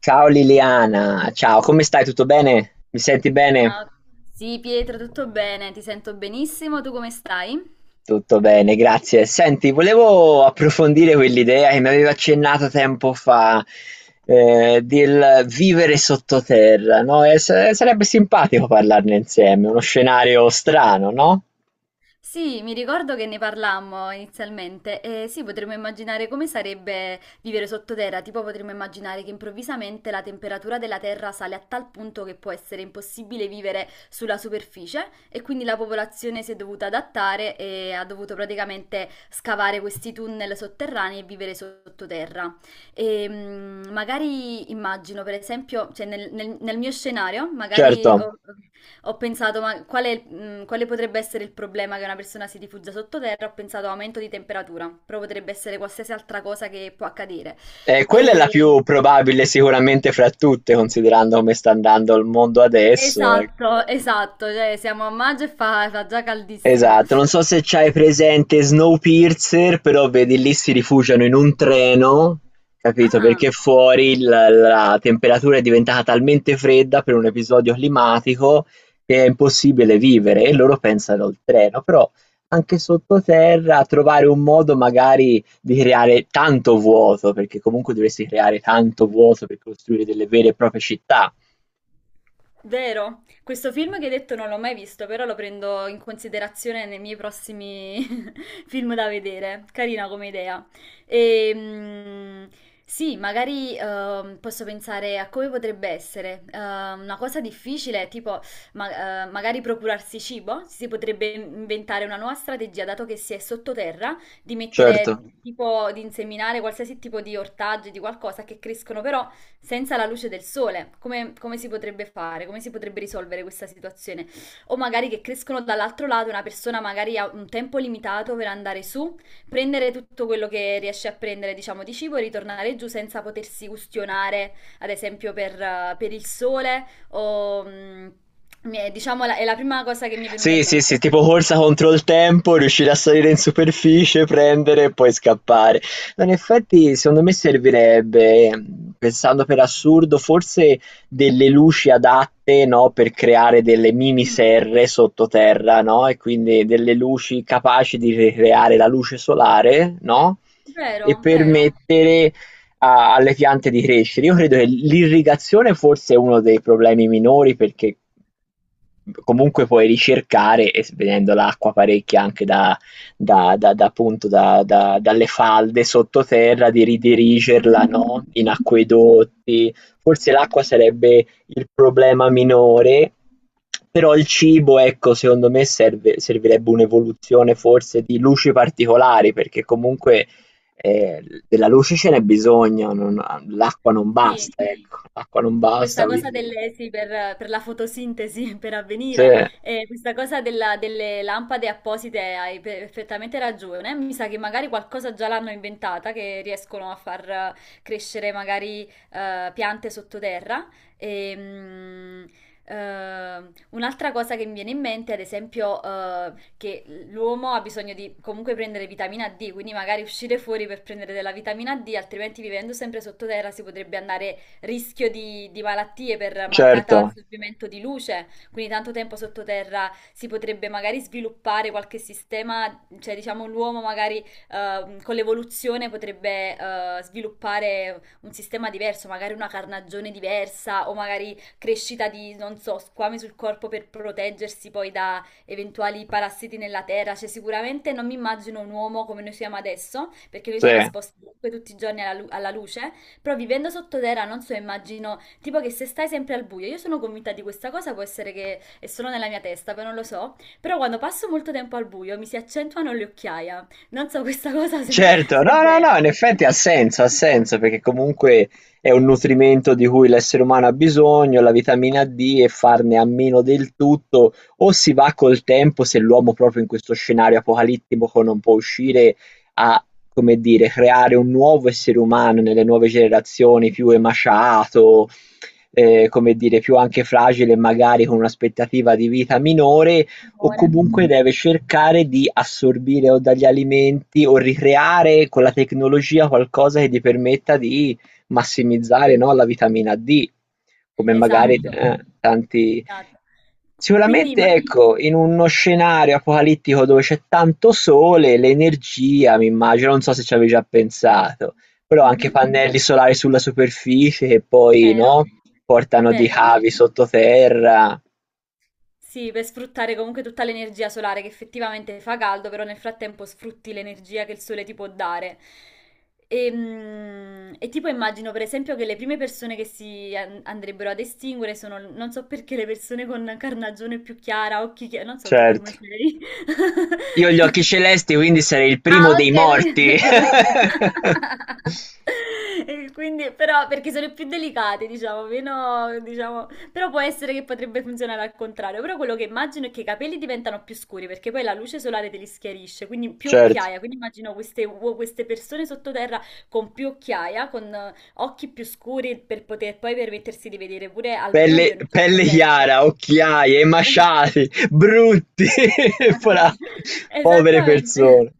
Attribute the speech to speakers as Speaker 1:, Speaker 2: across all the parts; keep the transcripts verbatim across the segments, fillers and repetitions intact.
Speaker 1: Ciao Liliana, ciao, come stai? Tutto bene? Mi senti bene?
Speaker 2: Ciao. Sì, Pietro, tutto bene? Ti sento benissimo, tu come stai?
Speaker 1: Tutto bene, grazie. Senti, volevo approfondire quell'idea che mi avevi accennato tempo fa, eh, del vivere sottoterra, no? E s- sarebbe simpatico parlarne insieme, uno scenario strano, no?
Speaker 2: Sì, mi ricordo che ne parlammo inizialmente e sì, potremmo immaginare come sarebbe vivere sottoterra, tipo potremmo immaginare che improvvisamente la temperatura della terra sale a tal punto che può essere impossibile vivere sulla superficie e quindi la popolazione si è dovuta adattare e ha dovuto praticamente scavare questi tunnel sotterranei e vivere sottoterra. E, mm, magari immagino, per esempio, cioè nel, nel- nel mio scenario, magari... ho-
Speaker 1: Certo.
Speaker 2: ok. Ho pensato, ma quale, mh, quale potrebbe essere il problema che una persona si rifugia sottoterra? Ho pensato aumento di temperatura, però potrebbe essere qualsiasi altra cosa che può accadere.
Speaker 1: Eh, quella è la
Speaker 2: E-
Speaker 1: più probabile sicuramente fra tutte, considerando come sta andando il mondo adesso, ecco.
Speaker 2: Esatto, esatto, cioè siamo a maggio e fa, fa già caldissimo.
Speaker 1: Esatto, non so se c'hai presente Snowpiercer, però vedi lì si rifugiano in un treno, capito,
Speaker 2: Ah.
Speaker 1: perché fuori l la temperatura è diventata talmente fredda per un episodio climatico che è impossibile vivere e loro pensano al treno, però anche sottoterra trovare un modo magari di creare tanto vuoto, perché comunque dovresti creare tanto vuoto per costruire delle vere e proprie città.
Speaker 2: Vero, questo film che hai detto non l'ho mai visto, però lo prendo in considerazione nei miei prossimi film da vedere. Carina come idea. E, sì, magari ehm, posso pensare a come potrebbe essere. Eh, una cosa difficile, tipo ma- eh, magari procurarsi cibo. Si potrebbe inventare una nuova strategia, dato che si è sottoterra, di
Speaker 1: Certo.
Speaker 2: mettere tipo di inseminare qualsiasi tipo di ortaggi, di qualcosa che crescono però senza la luce del sole, come, come si potrebbe fare? Come si potrebbe risolvere questa situazione? O magari che crescono dall'altro lato, una persona magari ha un tempo limitato per andare su, prendere tutto quello che riesce a prendere, diciamo, di cibo e ritornare giù senza potersi ustionare, ad esempio, per, eh, per il sole o... mm, mi è- Diciamo, la- è la prima cosa che mi è venuta in
Speaker 1: Sì, sì, sì,
Speaker 2: mente.
Speaker 1: tipo corsa contro il tempo, riuscire a salire in superficie, prendere e poi scappare. No, in effetti, secondo me servirebbe, pensando per assurdo, forse delle luci adatte, no, per creare delle mini
Speaker 2: Mm.
Speaker 1: serre sottoterra, no? E quindi delle luci capaci di ricreare la luce solare, no? E
Speaker 2: Vero, vero.
Speaker 1: permettere a- alle piante di crescere. Io credo che l'irrigazione forse è uno dei problemi minori perché comunque puoi ricercare e s- vedendo l'acqua parecchia anche da, da- da- da appunto da- da- dalle falde sottoterra di ridirigerla,
Speaker 2: Mhm.
Speaker 1: no? In acquedotti. Forse l'acqua sarebbe il problema minore. Però il cibo, ecco, secondo me serve- servirebbe un'evoluzione forse di luci particolari, perché comunque eh, della luce ce n'è bisogno, non l'acqua non
Speaker 2: Sì.
Speaker 1: basta, ecco, l'acqua non basta,
Speaker 2: Questa cosa
Speaker 1: quindi...
Speaker 2: delle sì, per per la fotosintesi, per
Speaker 1: Sì,
Speaker 2: avvenire, ehm, questa cosa della delle lampade apposite hai perfettamente ragione. Mi sa che magari qualcosa già l'hanno inventata, che riescono a far eh, crescere magari, ehm, piante sottoterra. Ehm, ehm, un'altra cosa che mi viene in mente, ad esempio, ehm, che l'uomo ha bisogno di comunque prendere vitamina D, quindi magari uscire fuori per prendere della vitamina D, altrimenti vivendo sempre sottoterra si potrebbe andare rischio di, di malattie per mancata
Speaker 1: certo,
Speaker 2: assorbimento di luce, quindi tanto tempo sottoterra si potrebbe magari sviluppare qualche sistema, cioè diciamo l'uomo magari ehm, con l'evoluzione potrebbe eh, sviluppare un sistema diverso, magari una carnagione diversa o magari crescita di, non so, squame sul corpo per proteggersi poi da eventuali parassiti nella terra, cioè sicuramente non mi immagino un uomo come noi siamo adesso, perché noi siamo
Speaker 1: sì,
Speaker 2: esposti comunque tutti i giorni alla, lu- alla luce, però vivendo sottoterra, non so, immagino, tipo che se stai sempre al buio, io sono convinta di questa cosa, può essere che è solo nella mia testa, poi non lo so, però quando passo molto tempo al buio mi si accentuano le occhiaie. Non so questa cosa se,
Speaker 1: certo,
Speaker 2: se è
Speaker 1: no, no, no,
Speaker 2: vera.
Speaker 1: in effetti ha senso, ha senso, perché comunque è un nutrimento di cui l'essere umano ha bisogno, la vitamina di, e farne a meno del tutto, o si va col tempo, se l'uomo proprio in questo scenario apocalittico non può uscire, a, come dire, creare un nuovo essere umano nelle nuove generazioni più emaciato, eh, come dire, più anche fragile, magari con un'aspettativa di vita minore, o
Speaker 2: Timore.
Speaker 1: comunque deve cercare di assorbire o dagli alimenti o ricreare con la tecnologia qualcosa che gli permetta di massimizzare, no, la vitamina di, come magari
Speaker 2: Esatto,
Speaker 1: eh, tanti.
Speaker 2: esatto. Quindi, ma...
Speaker 1: Sicuramente ecco, in uno scenario apocalittico dove c'è tanto sole, l'energia m'immagino, non so se ci avevi già pensato, però anche
Speaker 2: Mhm.
Speaker 1: pannelli solari sulla superficie che poi,
Speaker 2: Vero?
Speaker 1: no, portano di
Speaker 2: Vero?
Speaker 1: cavi sottoterra.
Speaker 2: Sì, per sfruttare comunque tutta l'energia solare che effettivamente fa caldo, però nel frattempo sfrutti l'energia che il sole ti può dare. E, mm, e tipo immagino per esempio che le prime persone che si an- andrebbero ad estinguere sono, non so perché, le persone con carnagione più chiara, occhi chiari, non so tu
Speaker 1: Certo,
Speaker 2: come sei.
Speaker 1: io ho gli occhi celesti, quindi sarei il primo
Speaker 2: Ah,
Speaker 1: dei
Speaker 2: ok,
Speaker 1: morti.
Speaker 2: quindi... E quindi, però, perché sono più delicate, diciamo, meno, diciamo, però può essere che potrebbe funzionare al contrario. Però quello che immagino è che i capelli diventano più scuri perché poi la luce solare te li schiarisce, quindi più
Speaker 1: Certo.
Speaker 2: occhiaia. Quindi immagino queste, uo- queste persone sottoterra con più occhiaia, con eh, occhi più scuri per poter poi permettersi di vedere pure al
Speaker 1: Pelle,
Speaker 2: buio in un certo
Speaker 1: pelle
Speaker 2: senso.
Speaker 1: chiara, occhiaie, emaciati, brutti, fra- povere
Speaker 2: Esattamente.
Speaker 1: persone.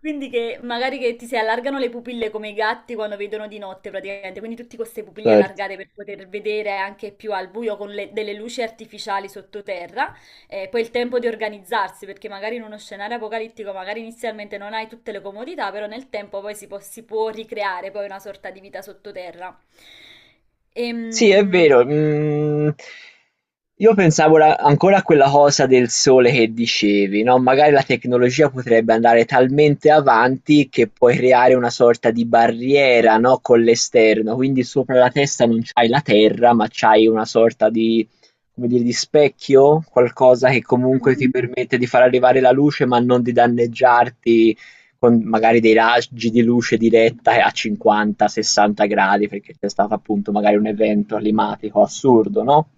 Speaker 2: Quindi che magari che ti si allargano le pupille come i gatti quando vedono di notte praticamente, quindi tutte queste pupille
Speaker 1: Certo.
Speaker 2: allargate per poter vedere anche più al buio con le- delle luci artificiali sottoterra, e poi il tempo di organizzarsi, perché magari in uno scenario apocalittico magari inizialmente non hai tutte le comodità, però nel tempo poi si può, si può ricreare poi una sorta di vita sottoterra.
Speaker 1: Sì, è
Speaker 2: Ehm...
Speaker 1: vero, mhmm, io pensavo la ancora a quella cosa del sole che dicevi, no, magari la tecnologia potrebbe andare talmente avanti che puoi creare una sorta di barriera, no, con l'esterno, quindi sopra la testa non c'hai la terra, ma c'hai una sorta di come dire, di specchio? Qualcosa che comunque ti permette di far arrivare la luce, ma non di danneggiarti con magari dei raggi di luce diretta a cinquanta sessanta gradi, perché c'è stato appunto magari un evento climatico assurdo, no?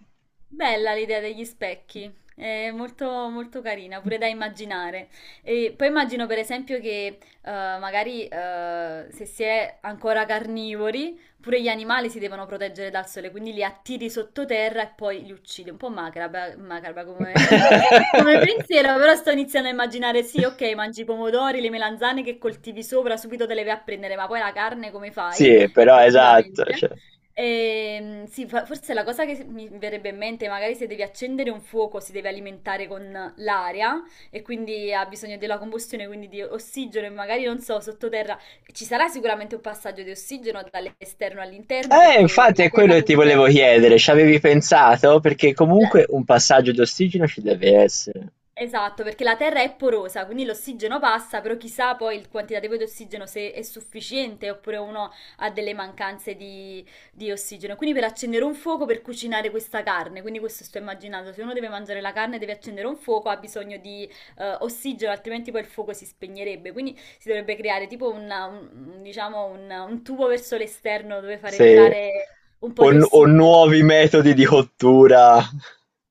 Speaker 2: Bella l'idea degli specchi, è molto, molto carina, pure da immaginare. E poi immagino per esempio che eh, magari eh, se si è ancora carnivori, pure gli animali si devono proteggere dal sole, quindi li attiri sottoterra e poi li uccidi. Un po' macabra, macabra come, come pensiero, però sto iniziando a immaginare, sì, ok, mangi i pomodori, le melanzane che coltivi sopra, subito te le vai a prendere, ma poi la carne come fai?
Speaker 1: Sì, però esatto,
Speaker 2: Effettivamente.
Speaker 1: cioè.
Speaker 2: Ehm, sì, fo- forse la cosa che mi verrebbe in mente, magari se devi accendere un fuoco, si deve alimentare con l'aria e quindi ha bisogno della combustione, quindi di ossigeno e magari non so, sottoterra ci sarà sicuramente un passaggio di ossigeno dall'esterno all'interno
Speaker 1: Eh,
Speaker 2: perché
Speaker 1: infatti
Speaker 2: la
Speaker 1: è quello
Speaker 2: terra
Speaker 1: che ti
Speaker 2: comunque...
Speaker 1: volevo chiedere, ci avevi pensato? Perché
Speaker 2: la-
Speaker 1: comunque un passaggio di ossigeno ci deve essere.
Speaker 2: Esatto, perché la terra è porosa, quindi l'ossigeno passa, però chissà poi il quantitativo di ossigeno se è sufficiente oppure uno ha delle mancanze di, di ossigeno. Quindi per accendere un fuoco per cucinare questa carne, quindi questo sto immaginando, se uno deve mangiare la carne e deve accendere un fuoco ha bisogno di eh, ossigeno, altrimenti poi il fuoco si spegnerebbe. Quindi si dovrebbe creare tipo una- un, un- diciamo un, un tubo verso l'esterno dove far
Speaker 1: Sì.
Speaker 2: entrare un
Speaker 1: O,
Speaker 2: po' di
Speaker 1: nu- o
Speaker 2: ossigeno.
Speaker 1: nuovi metodi di cottura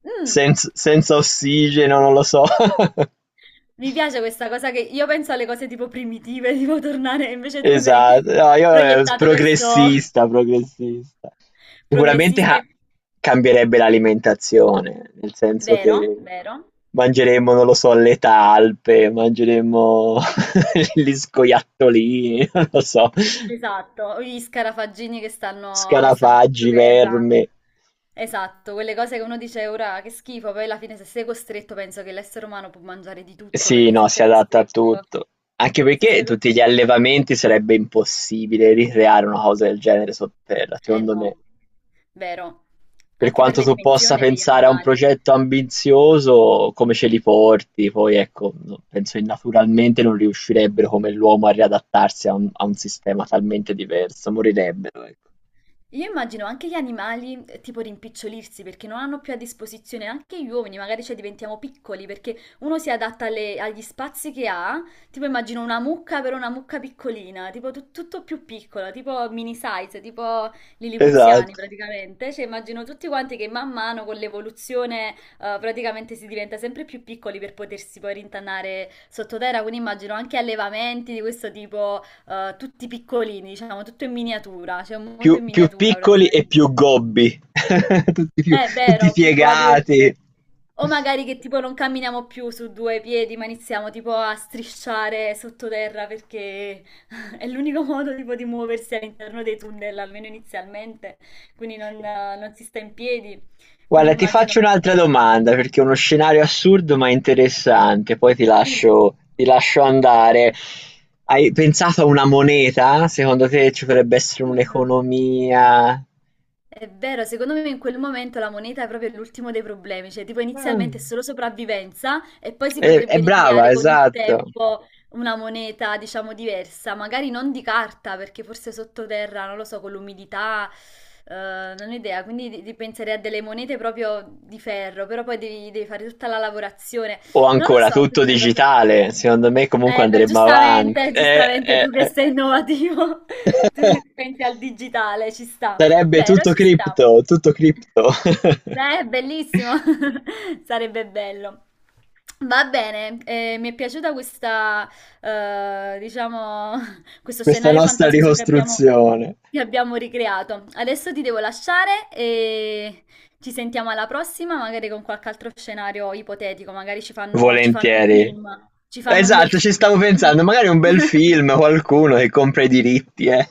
Speaker 2: Mm.
Speaker 1: senz- senza ossigeno, non lo so.
Speaker 2: Mi piace questa cosa che io penso alle cose tipo primitive, tipo tornare, invece tu sei
Speaker 1: Esatto, no, io eh,
Speaker 2: proiettato verso
Speaker 1: progressista, progressista. Sicuramente
Speaker 2: progressista
Speaker 1: ca-
Speaker 2: e...
Speaker 1: Cambierebbe l'alimentazione, nel senso
Speaker 2: Vero,
Speaker 1: che
Speaker 2: vero.
Speaker 1: mangeremmo, non lo so, le talpe, mangeremmo gli scoiattolini, non lo so,
Speaker 2: Esatto, gli scarafaggini che stanno, che stanno
Speaker 1: scarafaggi,
Speaker 2: sottoterra.
Speaker 1: verme.
Speaker 2: Esatto, quelle cose che uno dice ora che schifo, poi alla fine se sei costretto penso che l'essere umano può mangiare di tutto,
Speaker 1: Sì,
Speaker 2: perché
Speaker 1: no,
Speaker 2: se
Speaker 1: si
Speaker 2: sei
Speaker 1: adatta a
Speaker 2: costretto...
Speaker 1: tutto. Anche
Speaker 2: Se
Speaker 1: perché
Speaker 2: sei
Speaker 1: tutti
Speaker 2: costretto...
Speaker 1: gli allevamenti sarebbe impossibile ricreare una cosa del genere sotterra,
Speaker 2: Eh
Speaker 1: secondo me.
Speaker 2: no, vero.
Speaker 1: Per
Speaker 2: Anche per
Speaker 1: quanto
Speaker 2: le
Speaker 1: tu possa
Speaker 2: dimensioni degli
Speaker 1: pensare a un
Speaker 2: animali.
Speaker 1: progetto ambizioso, come ce li porti? Poi ecco, no- penso che naturalmente non riuscirebbero come l'uomo a riadattarsi a un, a un sistema talmente diverso, morirebbero, ecco.
Speaker 2: Io immagino anche gli animali eh, tipo rimpicciolirsi perché non hanno più a disposizione anche gli uomini, magari cioè diventiamo piccoli perché uno si adatta alle- agli spazi che ha, tipo immagino una mucca però una mucca piccolina, tipo tu- tutto più piccola, tipo mini size, tipo lilipuziani
Speaker 1: Esatto.
Speaker 2: praticamente, cioè immagino tutti quanti che man mano con l'evoluzione eh, praticamente si diventa sempre più piccoli per potersi poi rintanare sottoterra, quindi immagino anche allevamenti di questo tipo eh, tutti piccolini, diciamo, tutto in miniatura, c'è un mondo
Speaker 1: Più,
Speaker 2: in
Speaker 1: più
Speaker 2: miniatura
Speaker 1: piccoli e più
Speaker 2: praticamente.
Speaker 1: gobbi, tutti, più,
Speaker 2: È
Speaker 1: tutti
Speaker 2: vero, più gobi perché...
Speaker 1: piegati.
Speaker 2: O magari che tipo non camminiamo più su due piedi, ma iniziamo tipo a strisciare sottoterra perché è l'unico modo tipo di muoversi all'interno dei tunnel, almeno inizialmente, quindi non, eh, non si sta in piedi. Quindi
Speaker 1: Guarda, ti
Speaker 2: immagino...
Speaker 1: faccio un'altra domanda perché è uno scenario assurdo ma interessante, poi ti
Speaker 2: Sì.
Speaker 1: lascio, ti lascio andare. Hai pensato a una moneta? Secondo te ci potrebbe essere
Speaker 2: Ah.
Speaker 1: un'economia?
Speaker 2: È vero, secondo me in quel momento la moneta è proprio l'ultimo dei problemi, cioè tipo
Speaker 1: Mm,
Speaker 2: inizialmente è solo sopravvivenza e poi si
Speaker 1: È, è
Speaker 2: potrebbe
Speaker 1: brava,
Speaker 2: ricreare con il
Speaker 1: esatto.
Speaker 2: tempo una moneta, diciamo, diversa, magari non di carta, perché forse sottoterra, non lo so, con l'umidità, eh, non ho idea, quindi di- di- penserei a delle monete proprio di ferro, però poi devi, devi fare tutta la lavorazione.
Speaker 1: O
Speaker 2: Non lo
Speaker 1: ancora
Speaker 2: so,
Speaker 1: tutto
Speaker 2: questa cosa.
Speaker 1: digitale, secondo me comunque
Speaker 2: Eh, beh,
Speaker 1: andremo avanti.
Speaker 2: giustamente,
Speaker 1: Eh,
Speaker 2: giustamente,
Speaker 1: eh,
Speaker 2: tu che
Speaker 1: eh.
Speaker 2: sei innovativo, tu pensi al digitale, ci sta.
Speaker 1: Sarebbe
Speaker 2: Vero,
Speaker 1: tutto
Speaker 2: ci sta.
Speaker 1: cripto, tutto cripto.
Speaker 2: Eh, bellissimo, sarebbe bello. Va bene, eh, mi è piaciuta questa, eh, diciamo, questo
Speaker 1: Questa
Speaker 2: scenario
Speaker 1: nostra
Speaker 2: fantasioso che abbiamo,
Speaker 1: ricostruzione.
Speaker 2: che abbiamo ricreato. Adesso ti devo lasciare, ci sentiamo alla prossima, magari con qualche altro scenario ipotetico, magari ci fanno, ci fanno un
Speaker 1: Volentieri.
Speaker 2: film, ci fanno un bel
Speaker 1: Esatto, ci stavo
Speaker 2: film.
Speaker 1: pensando, magari un bel film, qualcuno che compra i diritti, eh.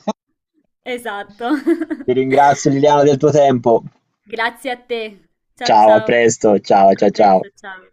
Speaker 2: Esatto.
Speaker 1: Ti ringrazio Liliana del tuo tempo.
Speaker 2: Grazie a te. Ciao
Speaker 1: Ciao, a
Speaker 2: ciao.
Speaker 1: presto, ciao,
Speaker 2: A
Speaker 1: cia ciao.
Speaker 2: presto, ciao.